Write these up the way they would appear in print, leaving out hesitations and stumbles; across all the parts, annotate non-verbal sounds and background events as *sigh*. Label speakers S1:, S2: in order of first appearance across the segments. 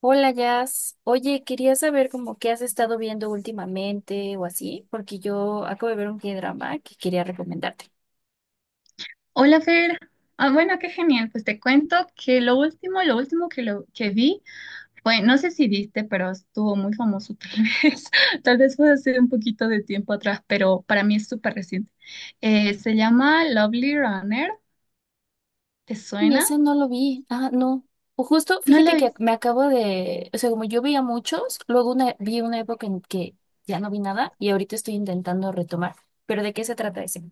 S1: Hola, Jazz. Oye, quería saber como qué has estado viendo últimamente o así, porque yo acabo de ver un K-drama que quería recomendarte.
S2: Hola Fer, ah, bueno, qué genial. Pues te cuento que lo último, que vi fue, no sé si viste, pero estuvo muy famoso *laughs* vez, tal vez fue hace un poquito de tiempo atrás, pero para mí es súper reciente. Se llama Lovely Runner, ¿te
S1: Y
S2: suena?
S1: ese no lo vi. Ah, no. O justo,
S2: ¿No la
S1: fíjate que me
S2: viste?
S1: acabo de, o sea, como yo veía muchos, luego una, vi una época en que ya no vi nada y ahorita estoy intentando retomar. ¿Pero de qué se trata ese?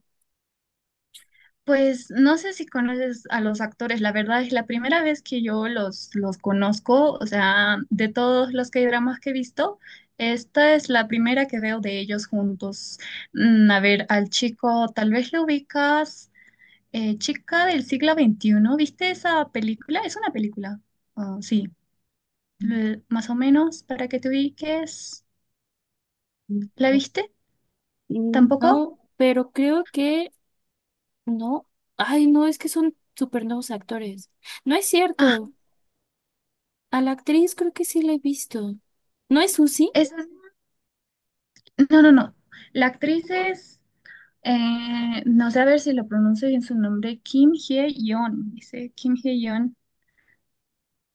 S2: Pues no sé si conoces a los actores, la verdad es la primera vez que yo los conozco, o sea, de todos los K-dramas que he visto, esta es la primera que veo de ellos juntos. A ver, al chico, tal vez lo ubicas, chica del siglo 21. ¿Viste esa película? Es una película. Ah, sí. Más o menos, para que te ubiques.
S1: Mm.
S2: ¿La viste? ¿Tampoco?
S1: No, pero creo que no. Ay, no, es que son súper nuevos actores. No es
S2: Ah,
S1: cierto. A la actriz creo que sí la he visto. ¿No es Susi?
S2: es, no, no, no. La actriz es. No sé a ver si lo pronuncio bien su nombre, Kim Hye-yeon, dice Kim Hye-yeon.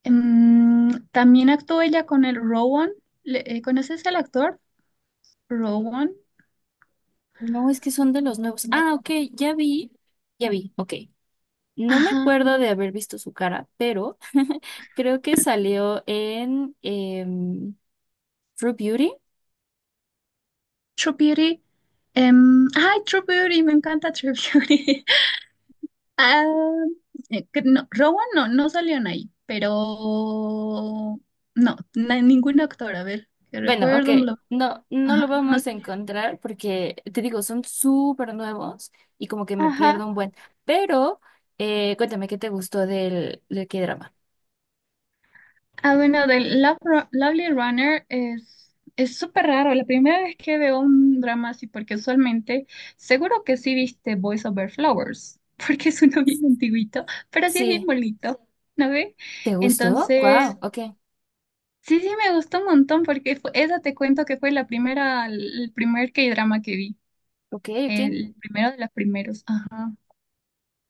S2: También actuó ella con el Rowan. ¿Conoces al actor? Rowan.
S1: No, es que son de los nuevos. Ah,
S2: Algo.
S1: ok, ya vi. Ya vi, ok. No me
S2: Ajá.
S1: acuerdo de haber visto su cara, pero creo que salió en em, True Beauty.
S2: True Beauty. Ay, True Beauty, me encanta True Beauty. *laughs* Ah, que no, Rowan no, no salieron ahí, pero no, ningún actor, a ver, que
S1: Bueno, ok,
S2: recuerdo,
S1: no, no lo
S2: ajá, no, no
S1: vamos a
S2: salieron.
S1: encontrar porque, te digo, son súper nuevos y como que me
S2: Ajá.
S1: pierdo un buen. Pero, cuéntame, ¿qué te gustó del, del K-drama?
S2: Ah, bueno, del Lovely Runner es súper raro. La primera vez que veo un drama así, porque usualmente, seguro que sí viste Boys Over Flowers, *laughs* porque es uno bien antiguito, pero sí es bien
S1: Sí,
S2: bonito, ¿no ve?
S1: ¿te gustó?
S2: Entonces,
S1: Wow, ok,
S2: sí, sí me gustó un montón, porque esa te cuento que fue la primera, el primer K-drama que vi,
S1: ok, ok.
S2: el primero de los primeros. Ajá.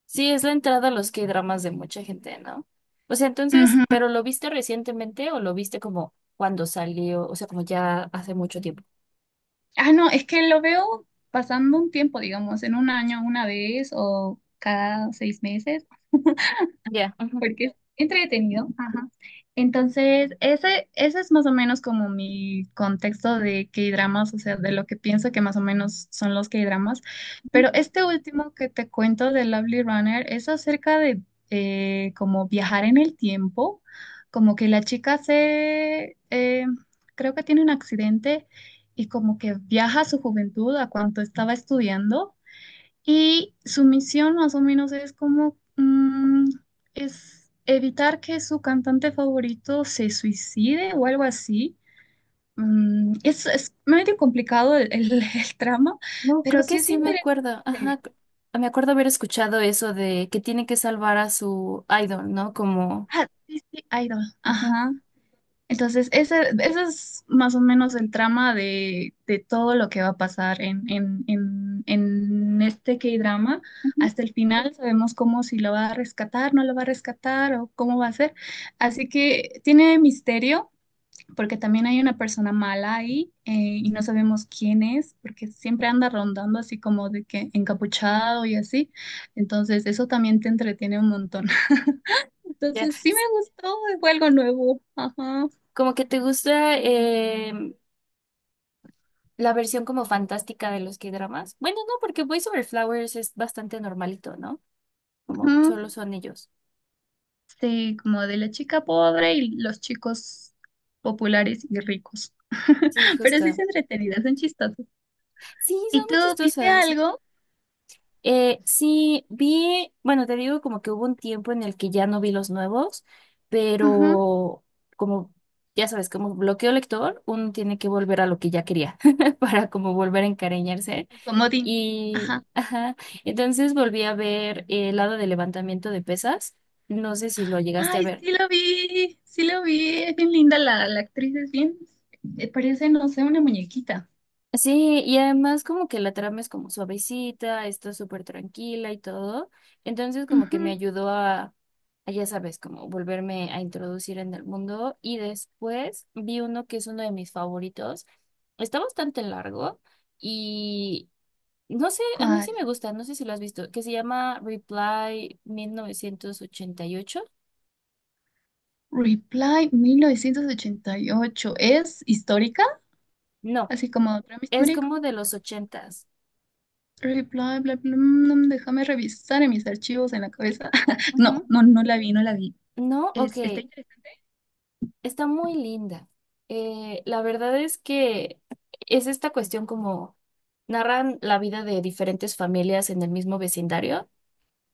S1: Sí, es la entrada a los K-dramas de mucha gente, ¿no? O sea, entonces,
S2: Ujú.
S1: ¿pero lo viste recientemente o lo viste como cuando salió? O sea, como ya hace mucho tiempo.
S2: Ah, no, es que lo veo pasando un tiempo, digamos, en un año una vez o cada 6 meses,
S1: Ya. Ujú.
S2: porque es entretenido. Ajá. Entonces, ese es más o menos como mi contexto de K-dramas, o sea, de lo que pienso que más o menos son los K-dramas. Pero este último que te cuento de Lovely Runner es acerca de como viajar en el tiempo, como que la chica se, creo que tiene un accidente y como que viaja a su juventud, a cuando estaba estudiando. Y su misión más o menos es como es evitar que su cantante favorito se suicide o algo así. Es medio complicado *laughs* el trama,
S1: No,
S2: pero
S1: creo que
S2: sí es
S1: sí me acuerdo.
S2: interesante.
S1: Ajá. Me acuerdo haber escuchado eso de que tiene que salvar a su idol, ¿no? Como.
S2: Ah, sí, sí, Idol.
S1: Ujú,
S2: Ajá. Entonces, ese es más o menos el trama de todo lo que va a pasar en este K-drama.
S1: ujú,
S2: Hasta el final sabemos cómo si lo va a rescatar, no lo va a rescatar o cómo va a ser. Así que tiene misterio, porque también hay una persona mala ahí y no sabemos quién es, porque siempre anda rondando así como de que encapuchado y así. Entonces, eso también te entretiene un montón. *laughs*
S1: ya.
S2: Entonces, sí me gustó, fue algo nuevo. Ajá.
S1: Como que te gusta la versión como fantástica de los K-dramas. Bueno, no, porque Boys Over Flowers es bastante normalito, ¿no? Como
S2: Ujú.
S1: solo son ellos.
S2: Sí, como de la chica pobre y los chicos populares y ricos.
S1: Sí,
S2: *laughs* Pero sí
S1: justo.
S2: se entretenidas, son chistosos.
S1: Sí,
S2: ¿Y
S1: son muy
S2: tú viste
S1: chistosas.
S2: algo?
S1: Sí, vi, bueno, te digo como que hubo un tiempo en el que ya no vi los nuevos,
S2: Ujú.
S1: pero como, ya sabes, como bloqueo lector, uno tiene que volver a lo que ya quería *laughs* para como volver a encariñarse.
S2: El comodín.
S1: Y,
S2: Ajá.
S1: ajá, entonces volví a ver el lado de levantamiento de pesas. No sé si lo llegaste a
S2: Ay,
S1: ver.
S2: sí lo vi, sí lo vi. Es bien linda la actriz, es bien. Parece, no sé, una muñequita.
S1: Sí, y además como que la trama es como suavecita, está súper tranquila y todo. Entonces como que me
S2: Ujú.
S1: ayudó a, ya sabes, como volverme a introducir en el mundo. Y después vi uno que es uno de mis favoritos. Está bastante largo y no sé, a mí sí
S2: ¿Cuál?
S1: me gusta, no sé si lo has visto, que se llama Reply 1988.
S2: Reply 1988. ¿Es histórica?
S1: No,
S2: Así como drama
S1: es como
S2: histórico.
S1: de los ochentas.
S2: El bla, bla, bla, déjame revisar en mis archivos en la cabeza. *laughs*
S1: Ujú.
S2: No, no, no la vi, no la vi.
S1: No,
S2: Está
S1: ok.
S2: interesante.
S1: Está muy linda. La verdad es que es esta cuestión como narran la vida de diferentes familias en el mismo vecindario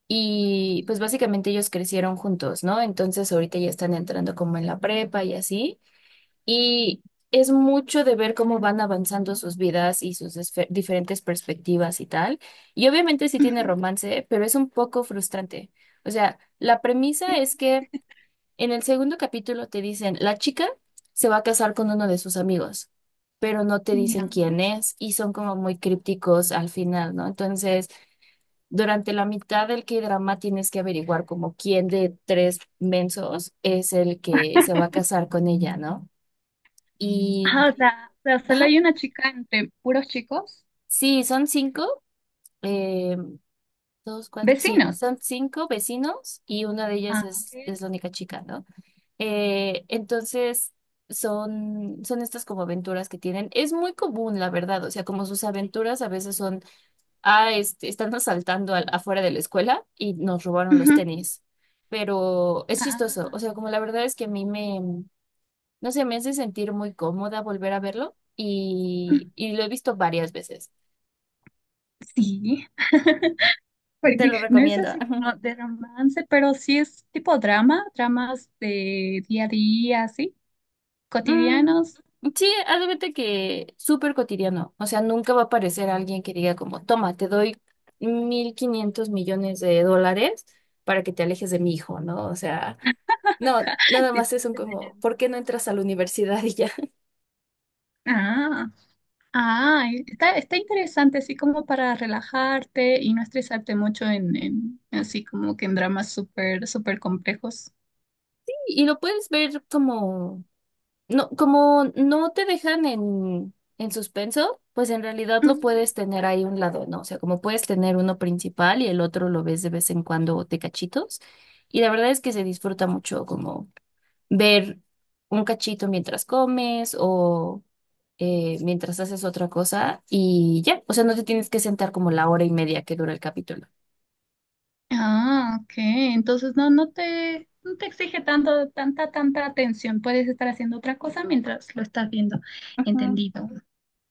S1: y pues básicamente ellos crecieron juntos, ¿no? Entonces ahorita ya están entrando como en la prepa y así. Y es mucho de ver cómo van avanzando sus vidas y sus esfe- diferentes perspectivas y tal. Y obviamente sí tiene
S2: Ujú,
S1: romance, pero es un poco frustrante. O sea, la premisa
S2: sí.
S1: es que en el segundo capítulo te dicen, la chica se va a casar con uno de sus amigos, pero no te dicen
S2: Ya.
S1: quién es y son como muy crípticos al final, ¿no? Entonces, durante la mitad del K-drama tienes que averiguar como quién de tres mensos es el que se va a casar con ella, ¿no?
S2: Ah,
S1: Y,
S2: o sea, solo
S1: ajá,
S2: hay una chica entre puros chicos,
S1: sí, son cinco, eh, dos, cuatro, sí,
S2: vecinos.
S1: son cinco vecinos y una de
S2: Ah,
S1: ellas
S2: ok.
S1: es la única chica, ¿no? Entonces, son estas como aventuras que tienen. Es muy común, la verdad. O sea, como sus aventuras a veces son, este, están asaltando afuera de la escuela y nos robaron los
S2: Ujú.
S1: tenis. Pero es chistoso. O
S2: Ah,
S1: sea, como la verdad es que a mí me, no sé, me hace sentir muy cómoda volver a verlo y lo he visto varias veces.
S2: sí. *laughs*
S1: Te
S2: Porque
S1: lo
S2: no es
S1: recomiendo.
S2: así como
S1: *laughs*
S2: de romance, pero sí es tipo drama, dramas de día a día, así,
S1: Mm,
S2: cotidianos.
S1: sí, haz de cuenta que súper cotidiano. O sea, nunca va a aparecer alguien que diga como, toma, te doy 1.500 millones de dólares para que te alejes de mi hijo, ¿no? O sea,
S2: *laughs*
S1: no,
S2: Acá,
S1: nada
S2: de-
S1: más es un como, ¿por qué no entras a la universidad y ya? *laughs*
S2: Ah, Ah, e, está, está interesante, así como para relajarte y no estresarte mucho en, así como que en dramas súper, súper complejos.
S1: Y lo puedes ver como no, como no te dejan en suspenso, pues en realidad lo
S2: Mm.
S1: puedes tener ahí un lado, ¿no? O sea, como puedes tener uno principal y el otro lo ves de vez en cuando de cachitos. Y la verdad es que se disfruta mucho como ver un cachito mientras comes o mientras haces otra cosa y ya, o sea, no te tienes que sentar como la hora y media que dura el capítulo.
S2: Ah, ok. Entonces no, no te exige tanto, tanta atención. Puedes estar haciendo otra cosa mientras lo estás viendo.
S1: Ujú.
S2: Entendido.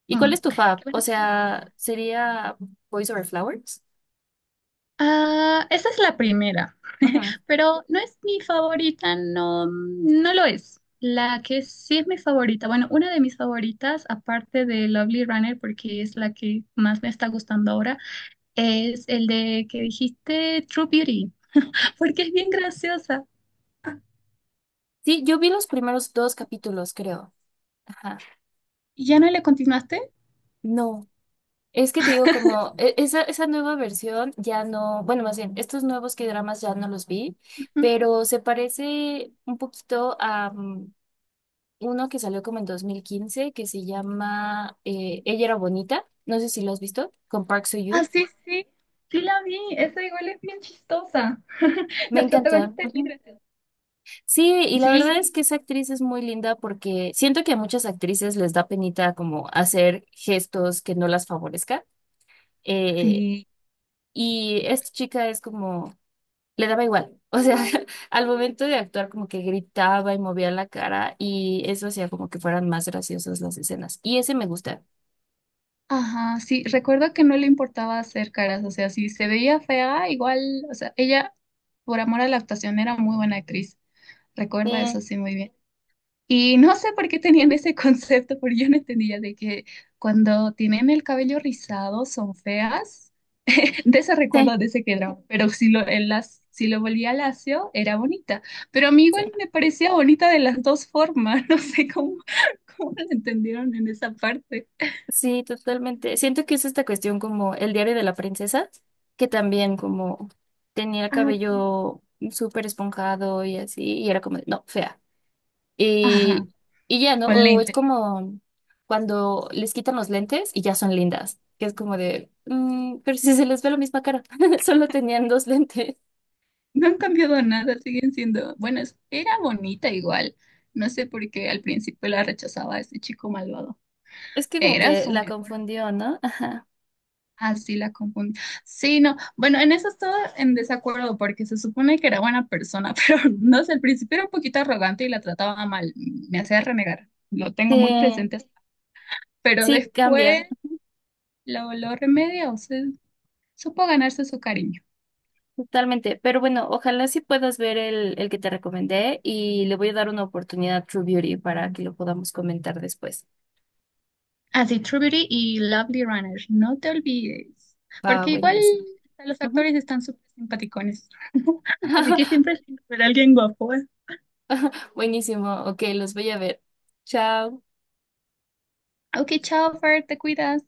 S1: ¿Y cuál
S2: Mm.
S1: es tu fab?
S2: Qué
S1: O
S2: buena recomendación.
S1: sea, ¿sería Boys Over Flowers?
S2: Ah, esa es la primera. Pero no es mi favorita, no, no lo es. La que sí es mi favorita, bueno, una de mis favoritas, aparte de Lovely Runner, porque es la que más me está gustando ahora, es el de que dijiste True Beauty, *laughs* porque es bien graciosa.
S1: Sí, yo vi los primeros dos capítulos, creo. Ajá.
S2: ¿Ya no le continuaste?
S1: No. Es que te digo, como e- esa nueva versión ya no, bueno, más bien, estos nuevos K-dramas ya no los vi,
S2: Ujú.
S1: pero se parece un poquito a uno que salió como en 2015 que se llama Ella era bonita. No sé si lo has visto, con Park
S2: Ah,
S1: Soo-yoon.
S2: sí, sí, sí la vi, esa igual es bien chistosa. *laughs*
S1: Me
S2: La
S1: encanta.
S2: protagonista es bien
S1: Ujú.
S2: graciosa.
S1: Sí, y la verdad
S2: Sí,
S1: es que esa actriz es muy linda porque siento que a muchas actrices les da penita como hacer gestos que no las favorezcan, eh,
S2: sí.
S1: y esta chica es como, le daba igual. O sea, *laughs* al momento de actuar como que gritaba y movía la cara y eso hacía como que fueran más graciosas las escenas. Y ese me gusta.
S2: Ajá, sí, recuerdo que no le importaba hacer caras, o sea, si se veía fea, igual, o sea, ella, por amor a la actuación, era muy buena actriz,
S1: Sí,
S2: recuerda eso sí muy bien. Y no sé por qué tenían ese *laughs* concepto, porque yo no entendía de que cuando tienen el cabello rizado son feas, *laughs* de ese
S1: sí,
S2: recuerdo de ese que era, pero si lo volvía lacio, era bonita, pero a mí igual
S1: sí.
S2: me parecía bonita de las dos formas, *laughs* no sé cómo lo entendieron en esa parte.
S1: Sí, totalmente. Siento que es esta cuestión como el diario de la princesa, que también como tenía el
S2: Ah, sí.
S1: cabello súper esponjado y así, y era como, de, no, fea.
S2: Ajá,
S1: Y, y ya, ¿no?
S2: con
S1: O es
S2: lente.
S1: como cuando les quitan los lentes y ya son lindas, que es como de, "Mm, pero si se les ve la misma cara, *laughs* solo tenían dos lentes."
S2: No han cambiado nada, siguen siendo. Bueno, era bonita igual. No sé por qué al principio la rechazaba ese chico malvado.
S1: Es que como
S2: Era
S1: que
S2: su
S1: la
S2: mejor amiga.
S1: confundió, ¿no? *laughs*
S2: Ah, sí, la confundí. Sí, no. Bueno, en eso estaba en desacuerdo porque se supone que era buena persona, *laughs* pero no sé, al principio era un poquito arrogante y la trataba mal. Me hacía renegar. Lo tengo muy
S1: Sí,
S2: presente. Pero
S1: sí, cambia
S2: después lo remedia, o sea, supo ganarse su cariño.
S1: totalmente. Pero bueno, ojalá sí puedas ver el que te recomendé y le voy a dar una oportunidad a True Beauty para que lo podamos comentar después.
S2: Así, True Beauty y Lovely Runner, no te olvides,
S1: Va,
S2: porque igual
S1: buenísimo.
S2: hasta los
S1: Ujú.
S2: actores están súper simpaticones, *laughs* así que
S1: *laughs*
S2: siempre hay alguien guapo.
S1: Buenísimo, ok, los voy a ver. Chao.
S2: Ok, chao, Fer, te cuidas.